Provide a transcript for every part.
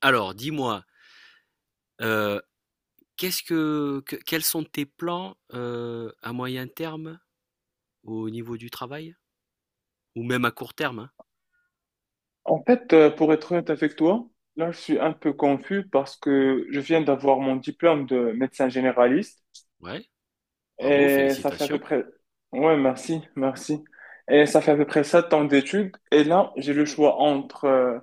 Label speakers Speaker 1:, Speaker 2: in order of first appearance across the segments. Speaker 1: Alors, dis-moi, heu, qu'est-ce que quels sont tes plans, à moyen terme au niveau du travail? Ou même à court terme, hein?
Speaker 2: En fait, pour être honnête avec toi, là, je suis un peu confus parce que je viens d'avoir mon diplôme de médecin généraliste
Speaker 1: Ouais, bravo,
Speaker 2: et ça fait à peu
Speaker 1: félicitations.
Speaker 2: près... Ouais, merci, merci. Et ça fait à peu près 7 ans d'études et là, j'ai le choix entre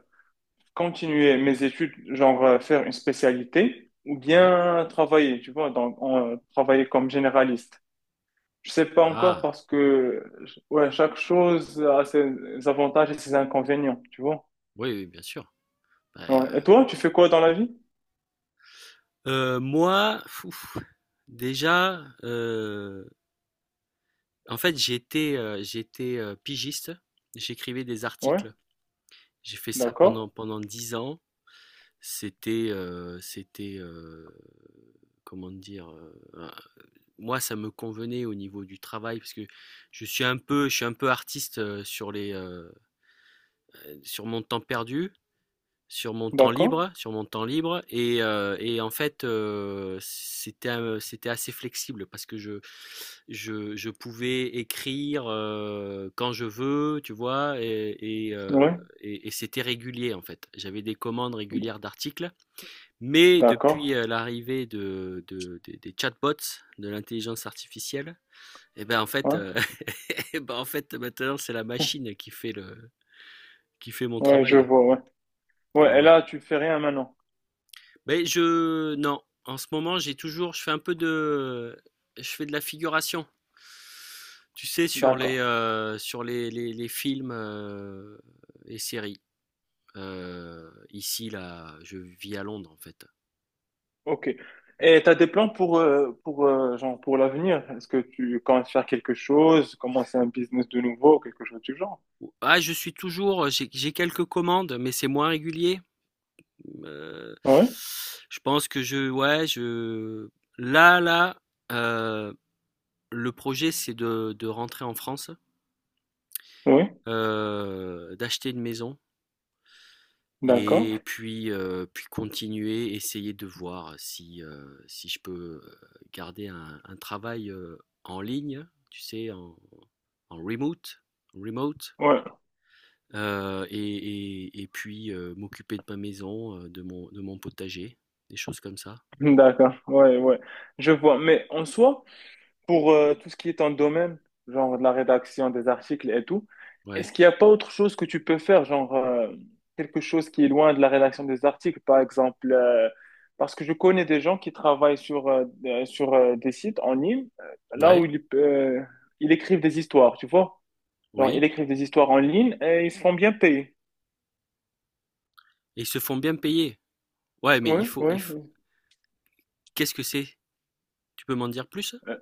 Speaker 2: continuer mes études, genre faire une spécialité ou
Speaker 1: Ouais.
Speaker 2: bien travailler, tu vois, donc travailler comme généraliste. Je sais pas encore
Speaker 1: Ah,
Speaker 2: parce que, ouais, chaque chose a ses avantages et ses inconvénients, tu vois.
Speaker 1: oui, oui, bien sûr. Bah,
Speaker 2: Ouais. Et toi, tu fais quoi dans la vie?
Speaker 1: moi, fouf, déjà, en fait, j'étais, pigiste. J'écrivais des
Speaker 2: Ouais,
Speaker 1: articles. J'ai fait ça
Speaker 2: d'accord,
Speaker 1: pendant 10 ans. C'était, comment dire? Moi, ça me convenait au niveau du travail parce que je suis un peu artiste sur mon temps perdu, sur mon temps
Speaker 2: d'accord,
Speaker 1: libre, sur mon temps libre et en fait, c'était assez flexible parce que je pouvais écrire quand je veux, tu vois, et, euh,
Speaker 2: ouais,
Speaker 1: et c'était régulier en fait. J'avais des commandes régulières d'articles, mais depuis
Speaker 2: d'accord,
Speaker 1: l'arrivée des chatbots, de l'intelligence artificielle et ben en fait,
Speaker 2: ouais,
Speaker 1: heu, et ben en fait, maintenant, c'est la machine qui fait mon
Speaker 2: ouais, je
Speaker 1: travail.
Speaker 2: vois, ouais.
Speaker 1: Ouais,
Speaker 2: Ouais, et
Speaker 1: ouais.
Speaker 2: là, tu fais rien maintenant.
Speaker 1: Beh, je non, en ce moment, j'ai toujours je fais de la figuration. Tu sais, sur
Speaker 2: D'accord,
Speaker 1: les, heu, sur les les les films, et séries. Ici, là, je vis à Londres, en fait.
Speaker 2: ok. Et t'as des plans pour, genre, pour l'avenir? Est-ce que tu comptes faire quelque chose, commencer un business de nouveau, quelque chose du genre?
Speaker 1: Ah, j'ai quelques commandes, mais c'est moins régulier. Heu,
Speaker 2: Ouais,
Speaker 1: je pense que je ouais, là là, heu, le projet, c'est de rentrer en France,
Speaker 2: ouais,
Speaker 1: d'acheter une maison
Speaker 2: d'accord,
Speaker 1: et puis, continuer, essayer de voir si, si je peux, garder un travail, en ligne, tu sais, en remote,
Speaker 2: ouais,
Speaker 1: heu et et puis, m'occuper de ma maison, de mon potager, des choses comme ça.
Speaker 2: d'accord, ouais, ouais, je vois. Mais en soi, pour tout ce qui est en domaine, genre de la rédaction des articles et tout,
Speaker 1: Ouais.
Speaker 2: est-ce qu'il n'y a pas autre chose que tu peux faire, genre quelque chose qui est loin de la rédaction des articles, par exemple, parce que je connais des gens qui travaillent sur des sites en ligne, là
Speaker 1: Ouais,
Speaker 2: où ils écrivent des histoires, tu vois? Genre, ils
Speaker 1: oui.
Speaker 2: écrivent des histoires en ligne et ils se font bien payer.
Speaker 1: Et ils se font bien payer. Ouais, mais
Speaker 2: Oui,
Speaker 1: il faut,
Speaker 2: oui.
Speaker 1: il faut... Qu'est-ce que c'est? Tu peux m'en dire plus?
Speaker 2: Euh,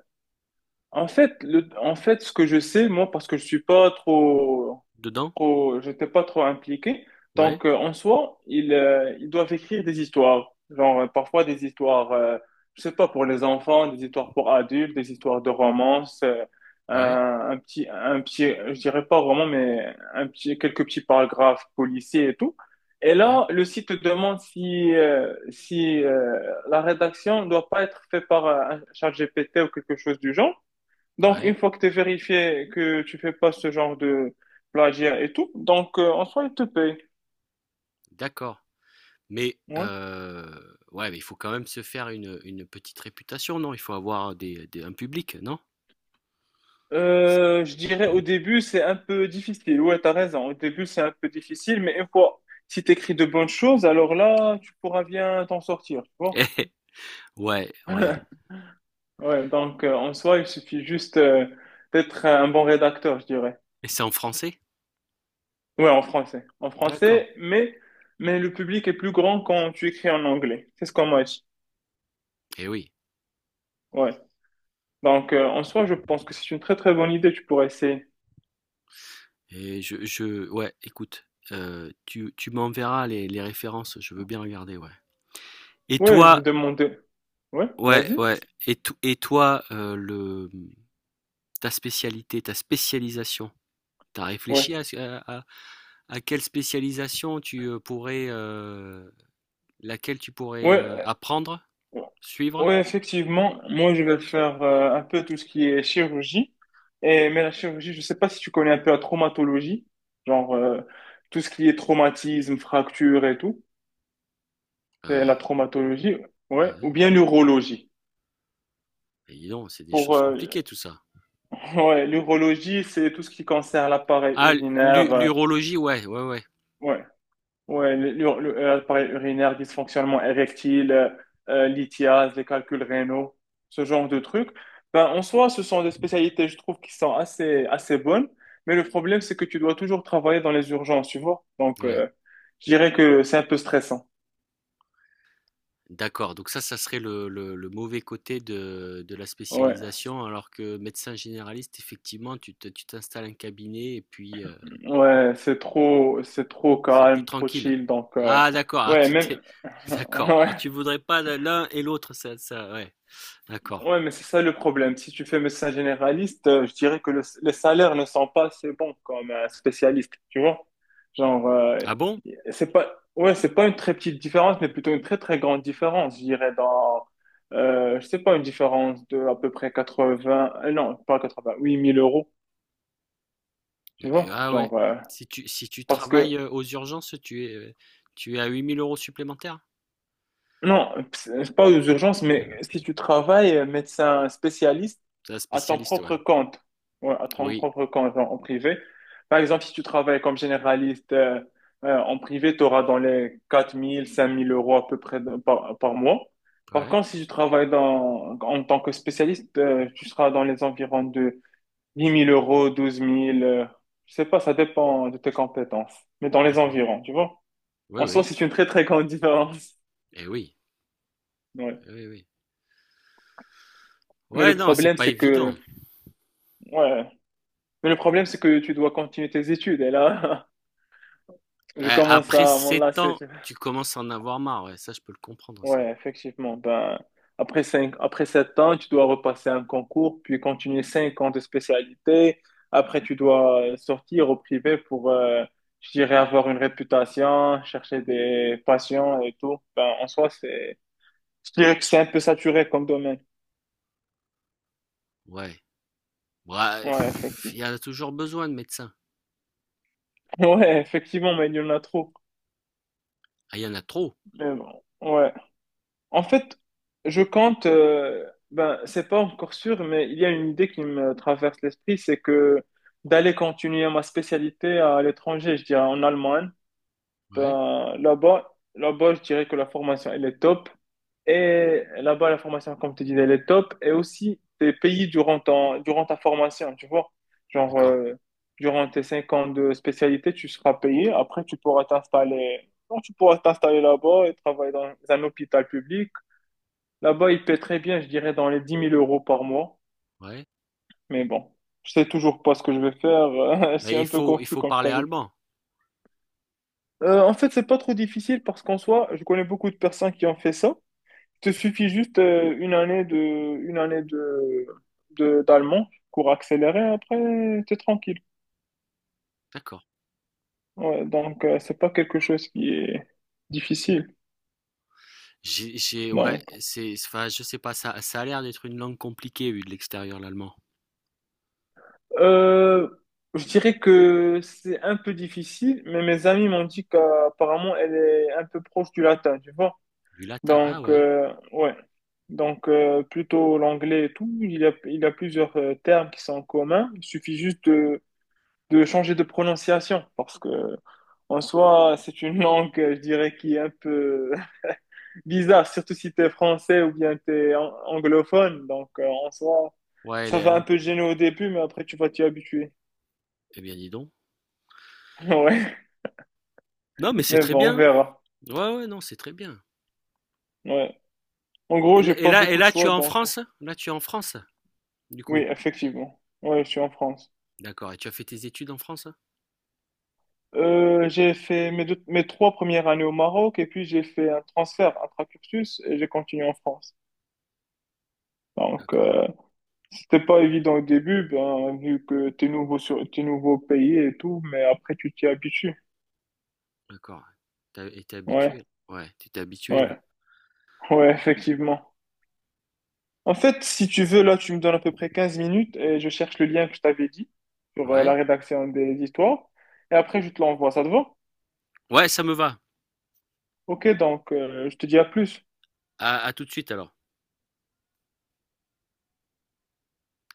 Speaker 2: en fait, ce que je sais, moi, parce que je suis pas trop
Speaker 1: Dedans?
Speaker 2: trop, j'étais pas trop impliqué.
Speaker 1: Ouais,
Speaker 2: Donc, en soi, ils doivent écrire des histoires. Genre, parfois des histoires, je sais pas, pour les enfants, des histoires pour adultes, des histoires de romance,
Speaker 1: ouais,
Speaker 2: un petit, je dirais pas roman, mais quelques petits paragraphes policiers et tout. Et
Speaker 1: ouais,
Speaker 2: là, le site te demande si la rédaction ne doit pas être faite par un chat GPT ou quelque chose du genre. Donc, une
Speaker 1: ouais.
Speaker 2: fois que tu es vérifié que tu fais pas ce genre de plagiat et tout, donc en soi, il te paye.
Speaker 1: D'accord. Mais
Speaker 2: Ouais.
Speaker 1: ouais, mais il faut quand même se faire une petite réputation, non? Il faut avoir un public, non? C'est-
Speaker 2: Je dirais au début, c'est un peu difficile. Ouais, t'as raison. Au début, c'est un peu difficile, mais une fois, si t'écris de bonnes choses, alors là, tu pourras bien t'en sortir, tu vois.
Speaker 1: Ouais, ouais.
Speaker 2: Ouais, donc en soi, il suffit juste d'être un bon rédacteur, je dirais.
Speaker 1: Et c'est en français?
Speaker 2: Ouais, en français. En
Speaker 1: D'accord.
Speaker 2: français, mais le public est plus grand quand tu écris en anglais. C'est ce qu'on m'a dit.
Speaker 1: Eh oui.
Speaker 2: Ouais. Donc, en soi, je pense que c'est une très très bonne idée. Tu pourrais essayer.
Speaker 1: Et ouais, écoute, tu m'enverras les références, je veux bien regarder, ouais. Et
Speaker 2: Ouais, je vais
Speaker 1: toi,
Speaker 2: demander. Ouais,
Speaker 1: ouais,
Speaker 2: vas-y.
Speaker 1: ouais. Et toi, ta spécialisation. T'as
Speaker 2: Ouais,
Speaker 1: réfléchi quelle spécialisation tu pourrais, laquelle tu pourrais
Speaker 2: ouais,
Speaker 1: apprendre,
Speaker 2: euh,
Speaker 1: suivre?
Speaker 2: ouais, effectivement. Moi, je vais faire un peu tout ce qui est chirurgie. Et, mais la chirurgie, je sais pas si tu connais un peu la traumatologie, genre tout ce qui est traumatisme, fracture et tout. C'est
Speaker 1: Euh,
Speaker 2: la traumatologie, ouais, ou
Speaker 1: ouais,
Speaker 2: bien l'urologie.
Speaker 1: mais dis donc, c'est des
Speaker 2: Pour
Speaker 1: choses compliquées tout ça.
Speaker 2: Ouais, l'urologie, c'est tout ce qui concerne l'appareil
Speaker 1: Ah,
Speaker 2: urinaire. euh,
Speaker 1: l'urologie, ouais, ouais, ouais,
Speaker 2: ouais. Ouais, l'appareil urinaire, dysfonctionnement érectile, lithiase, les calculs rénaux, ce genre de trucs. Ben, en soi, ce sont des spécialités, je trouve, qui sont assez, assez bonnes. Mais le problème, c'est que tu dois toujours travailler dans les urgences, tu vois. Donc,
Speaker 1: ouais.
Speaker 2: je dirais que c'est un peu stressant.
Speaker 1: D'accord. Donc ça serait le mauvais côté de la
Speaker 2: Ouais,
Speaker 1: spécialisation, alors que médecin généraliste, effectivement, tu t'installes un cabinet et puis.
Speaker 2: ouais, c'est trop
Speaker 1: C'est plus
Speaker 2: calme, trop
Speaker 1: tranquille.
Speaker 2: chill. Donc,
Speaker 1: Ah, d'accord. Ah,
Speaker 2: ouais,
Speaker 1: tu
Speaker 2: même,
Speaker 1: t'es. D'accord. Ah,
Speaker 2: ouais,
Speaker 1: tu voudrais pas l'un et l'autre, ça, ouais. D'accord.
Speaker 2: ouais, mais c'est ça le problème. Si tu fais médecin généraliste, je dirais que les salaires ne sont pas assez bons comme un spécialiste, tu vois? Genre,
Speaker 1: Ah bon?
Speaker 2: c'est pas, ouais, c'est pas une très petite différence, mais plutôt une très très grande différence, je dirais je sais pas, une différence de à peu près 80, non, pas 80, 1 000 euros, tu vois?
Speaker 1: Ah, ouais.
Speaker 2: Genre,
Speaker 1: Si tu
Speaker 2: parce que
Speaker 1: travailles aux urgences, tu es à 8 000 € supplémentaires?
Speaker 2: non, c'est pas aux urgences, mais si tu travailles médecin spécialiste
Speaker 1: C'est un
Speaker 2: à ton
Speaker 1: spécialiste, ouais.
Speaker 2: propre compte, ouais, à ton
Speaker 1: Oui.
Speaker 2: propre compte en privé. Par exemple, si tu travailles comme généraliste en privé, tu auras dans les 4 000, 5 000 euros à peu près par mois. Par
Speaker 1: Ouais.
Speaker 2: contre, si tu travailles en tant que spécialiste, tu seras dans les environs de 10 mille euros, douze mille, je sais pas, ça dépend de tes compétences, mais dans les
Speaker 1: D'accord.
Speaker 2: environs, tu vois.
Speaker 1: Oui,
Speaker 2: En soi,
Speaker 1: oui.
Speaker 2: c'est une très, très grande différence.
Speaker 1: Eh oui. Eh
Speaker 2: Ouais.
Speaker 1: oui, oui.
Speaker 2: Mais
Speaker 1: Ouais,
Speaker 2: le
Speaker 1: non, c'est
Speaker 2: problème,
Speaker 1: pas
Speaker 2: c'est que,
Speaker 1: évident.
Speaker 2: Ouais. Mais le problème, c'est que tu dois continuer tes études. Et là, je commence
Speaker 1: Après
Speaker 2: à
Speaker 1: sept
Speaker 2: m'enlacer,
Speaker 1: ans,
Speaker 2: tu vois.
Speaker 1: tu commences à en avoir marre. Ouais, ça, je peux le comprendre, ça.
Speaker 2: Ouais, effectivement. Ben, après cinq, après 7 ans, tu dois repasser un concours, puis continuer 5 ans de spécialité. Après, tu dois sortir au privé pour, je dirais, avoir une réputation, chercher des patients et tout. Ben, en soi, je dirais que c'est un peu saturé comme domaine.
Speaker 1: Ouais. Ouais,
Speaker 2: Ouais,
Speaker 1: pff, il
Speaker 2: effectivement.
Speaker 1: y en a toujours besoin de médecins.
Speaker 2: Ouais, effectivement, mais il y en a trop.
Speaker 1: Ah, il y en a trop.
Speaker 2: Mais bon, ouais. En fait, je compte, ben, c'est pas encore sûr, mais il y a une idée qui me traverse l'esprit, c'est que d'aller continuer ma spécialité à l'étranger, je dirais en Allemagne.
Speaker 1: Ouais.
Speaker 2: Ben, là-bas, je dirais que la formation, elle est top. Et là-bas, la formation, comme tu disais, elle est top. Et aussi, tes pays durant ta formation, tu vois. Genre,
Speaker 1: D'accord.
Speaker 2: durant tes 5 ans de spécialité, tu seras payé. Après, tu pourras t'installer là-bas et travailler dans un hôpital public. Là-bas, il paie très bien, je dirais, dans les 10 000 euros par mois.
Speaker 1: Ouais,
Speaker 2: Mais bon, je sais toujours pas ce que je vais faire.
Speaker 1: mais
Speaker 2: C'est
Speaker 1: il
Speaker 2: un peu
Speaker 1: faut il
Speaker 2: confus,
Speaker 1: faut
Speaker 2: comme je
Speaker 1: parler
Speaker 2: t'avais dit.
Speaker 1: allemand.
Speaker 2: En fait, c'est pas trop difficile parce qu'en soi, je connais beaucoup de personnes qui ont fait ça. Il te suffit juste une année d'allemand, cours accéléré, après, t'es tranquille.
Speaker 1: D'accord.
Speaker 2: Ouais, donc, c'est pas quelque chose qui est difficile.
Speaker 1: J'ai ouais,
Speaker 2: Donc,
Speaker 1: c'est enfin, je sais pas, ça ça a l'air d'être une langue compliquée vu de l'extérieur, l'allemand.
Speaker 2: Euh, je dirais que c'est un peu difficile, mais mes amis m'ont dit qu'apparemment elle est un peu proche du latin, tu vois.
Speaker 1: Du latin. Ah,
Speaker 2: Donc,
Speaker 1: ouais.
Speaker 2: ouais. Donc, plutôt l'anglais et tout, il y a plusieurs termes qui sont communs. Il suffit juste de changer de prononciation parce que, en soi, c'est une langue, je dirais, qui est un peu bizarre, surtout si tu es français ou bien tu es anglophone. Donc, en soi,
Speaker 1: Ouais, elle
Speaker 2: ça
Speaker 1: est
Speaker 2: va
Speaker 1: là.
Speaker 2: un peu gêner au début, mais après, tu vas t'y habituer.
Speaker 1: Eh bien dis donc.
Speaker 2: Ouais.
Speaker 1: Non, mais c'est
Speaker 2: Mais
Speaker 1: très
Speaker 2: bon, on
Speaker 1: bien.
Speaker 2: verra.
Speaker 1: Ouais, ouais, non, c'est très bien.
Speaker 2: Ouais. En gros,
Speaker 1: Et,
Speaker 2: j'ai
Speaker 1: là et
Speaker 2: pas
Speaker 1: là et
Speaker 2: beaucoup de
Speaker 1: là, tu es
Speaker 2: choix,
Speaker 1: en
Speaker 2: donc
Speaker 1: France? Là tu es en France du
Speaker 2: oui,
Speaker 1: coup.
Speaker 2: effectivement. Ouais, je suis en France.
Speaker 1: D'accord. Et tu as fait tes études en France?
Speaker 2: J'ai fait mes trois premières années au Maroc et puis j'ai fait un transfert intra-cursus et j'ai continué en France. Donc,
Speaker 1: D'accord.
Speaker 2: c'était pas évident au début, ben, vu que t'es t'es nouveau au pays et tout, mais après tu t'y habitues.
Speaker 1: D'accord. Et t'es
Speaker 2: Ouais,
Speaker 1: habitué. Ouais, tu t'es habitué là.
Speaker 2: ouais, ouais, effectivement. En fait, si tu veux, là, tu me donnes à peu près 15 minutes et je cherche le lien que je t'avais dit sur la
Speaker 1: Ouais.
Speaker 2: rédaction des histoires et après je te l'envoie, ça te va?
Speaker 1: Ouais, ça me va.
Speaker 2: Ok, donc je te dis à plus.
Speaker 1: À tout de suite alors.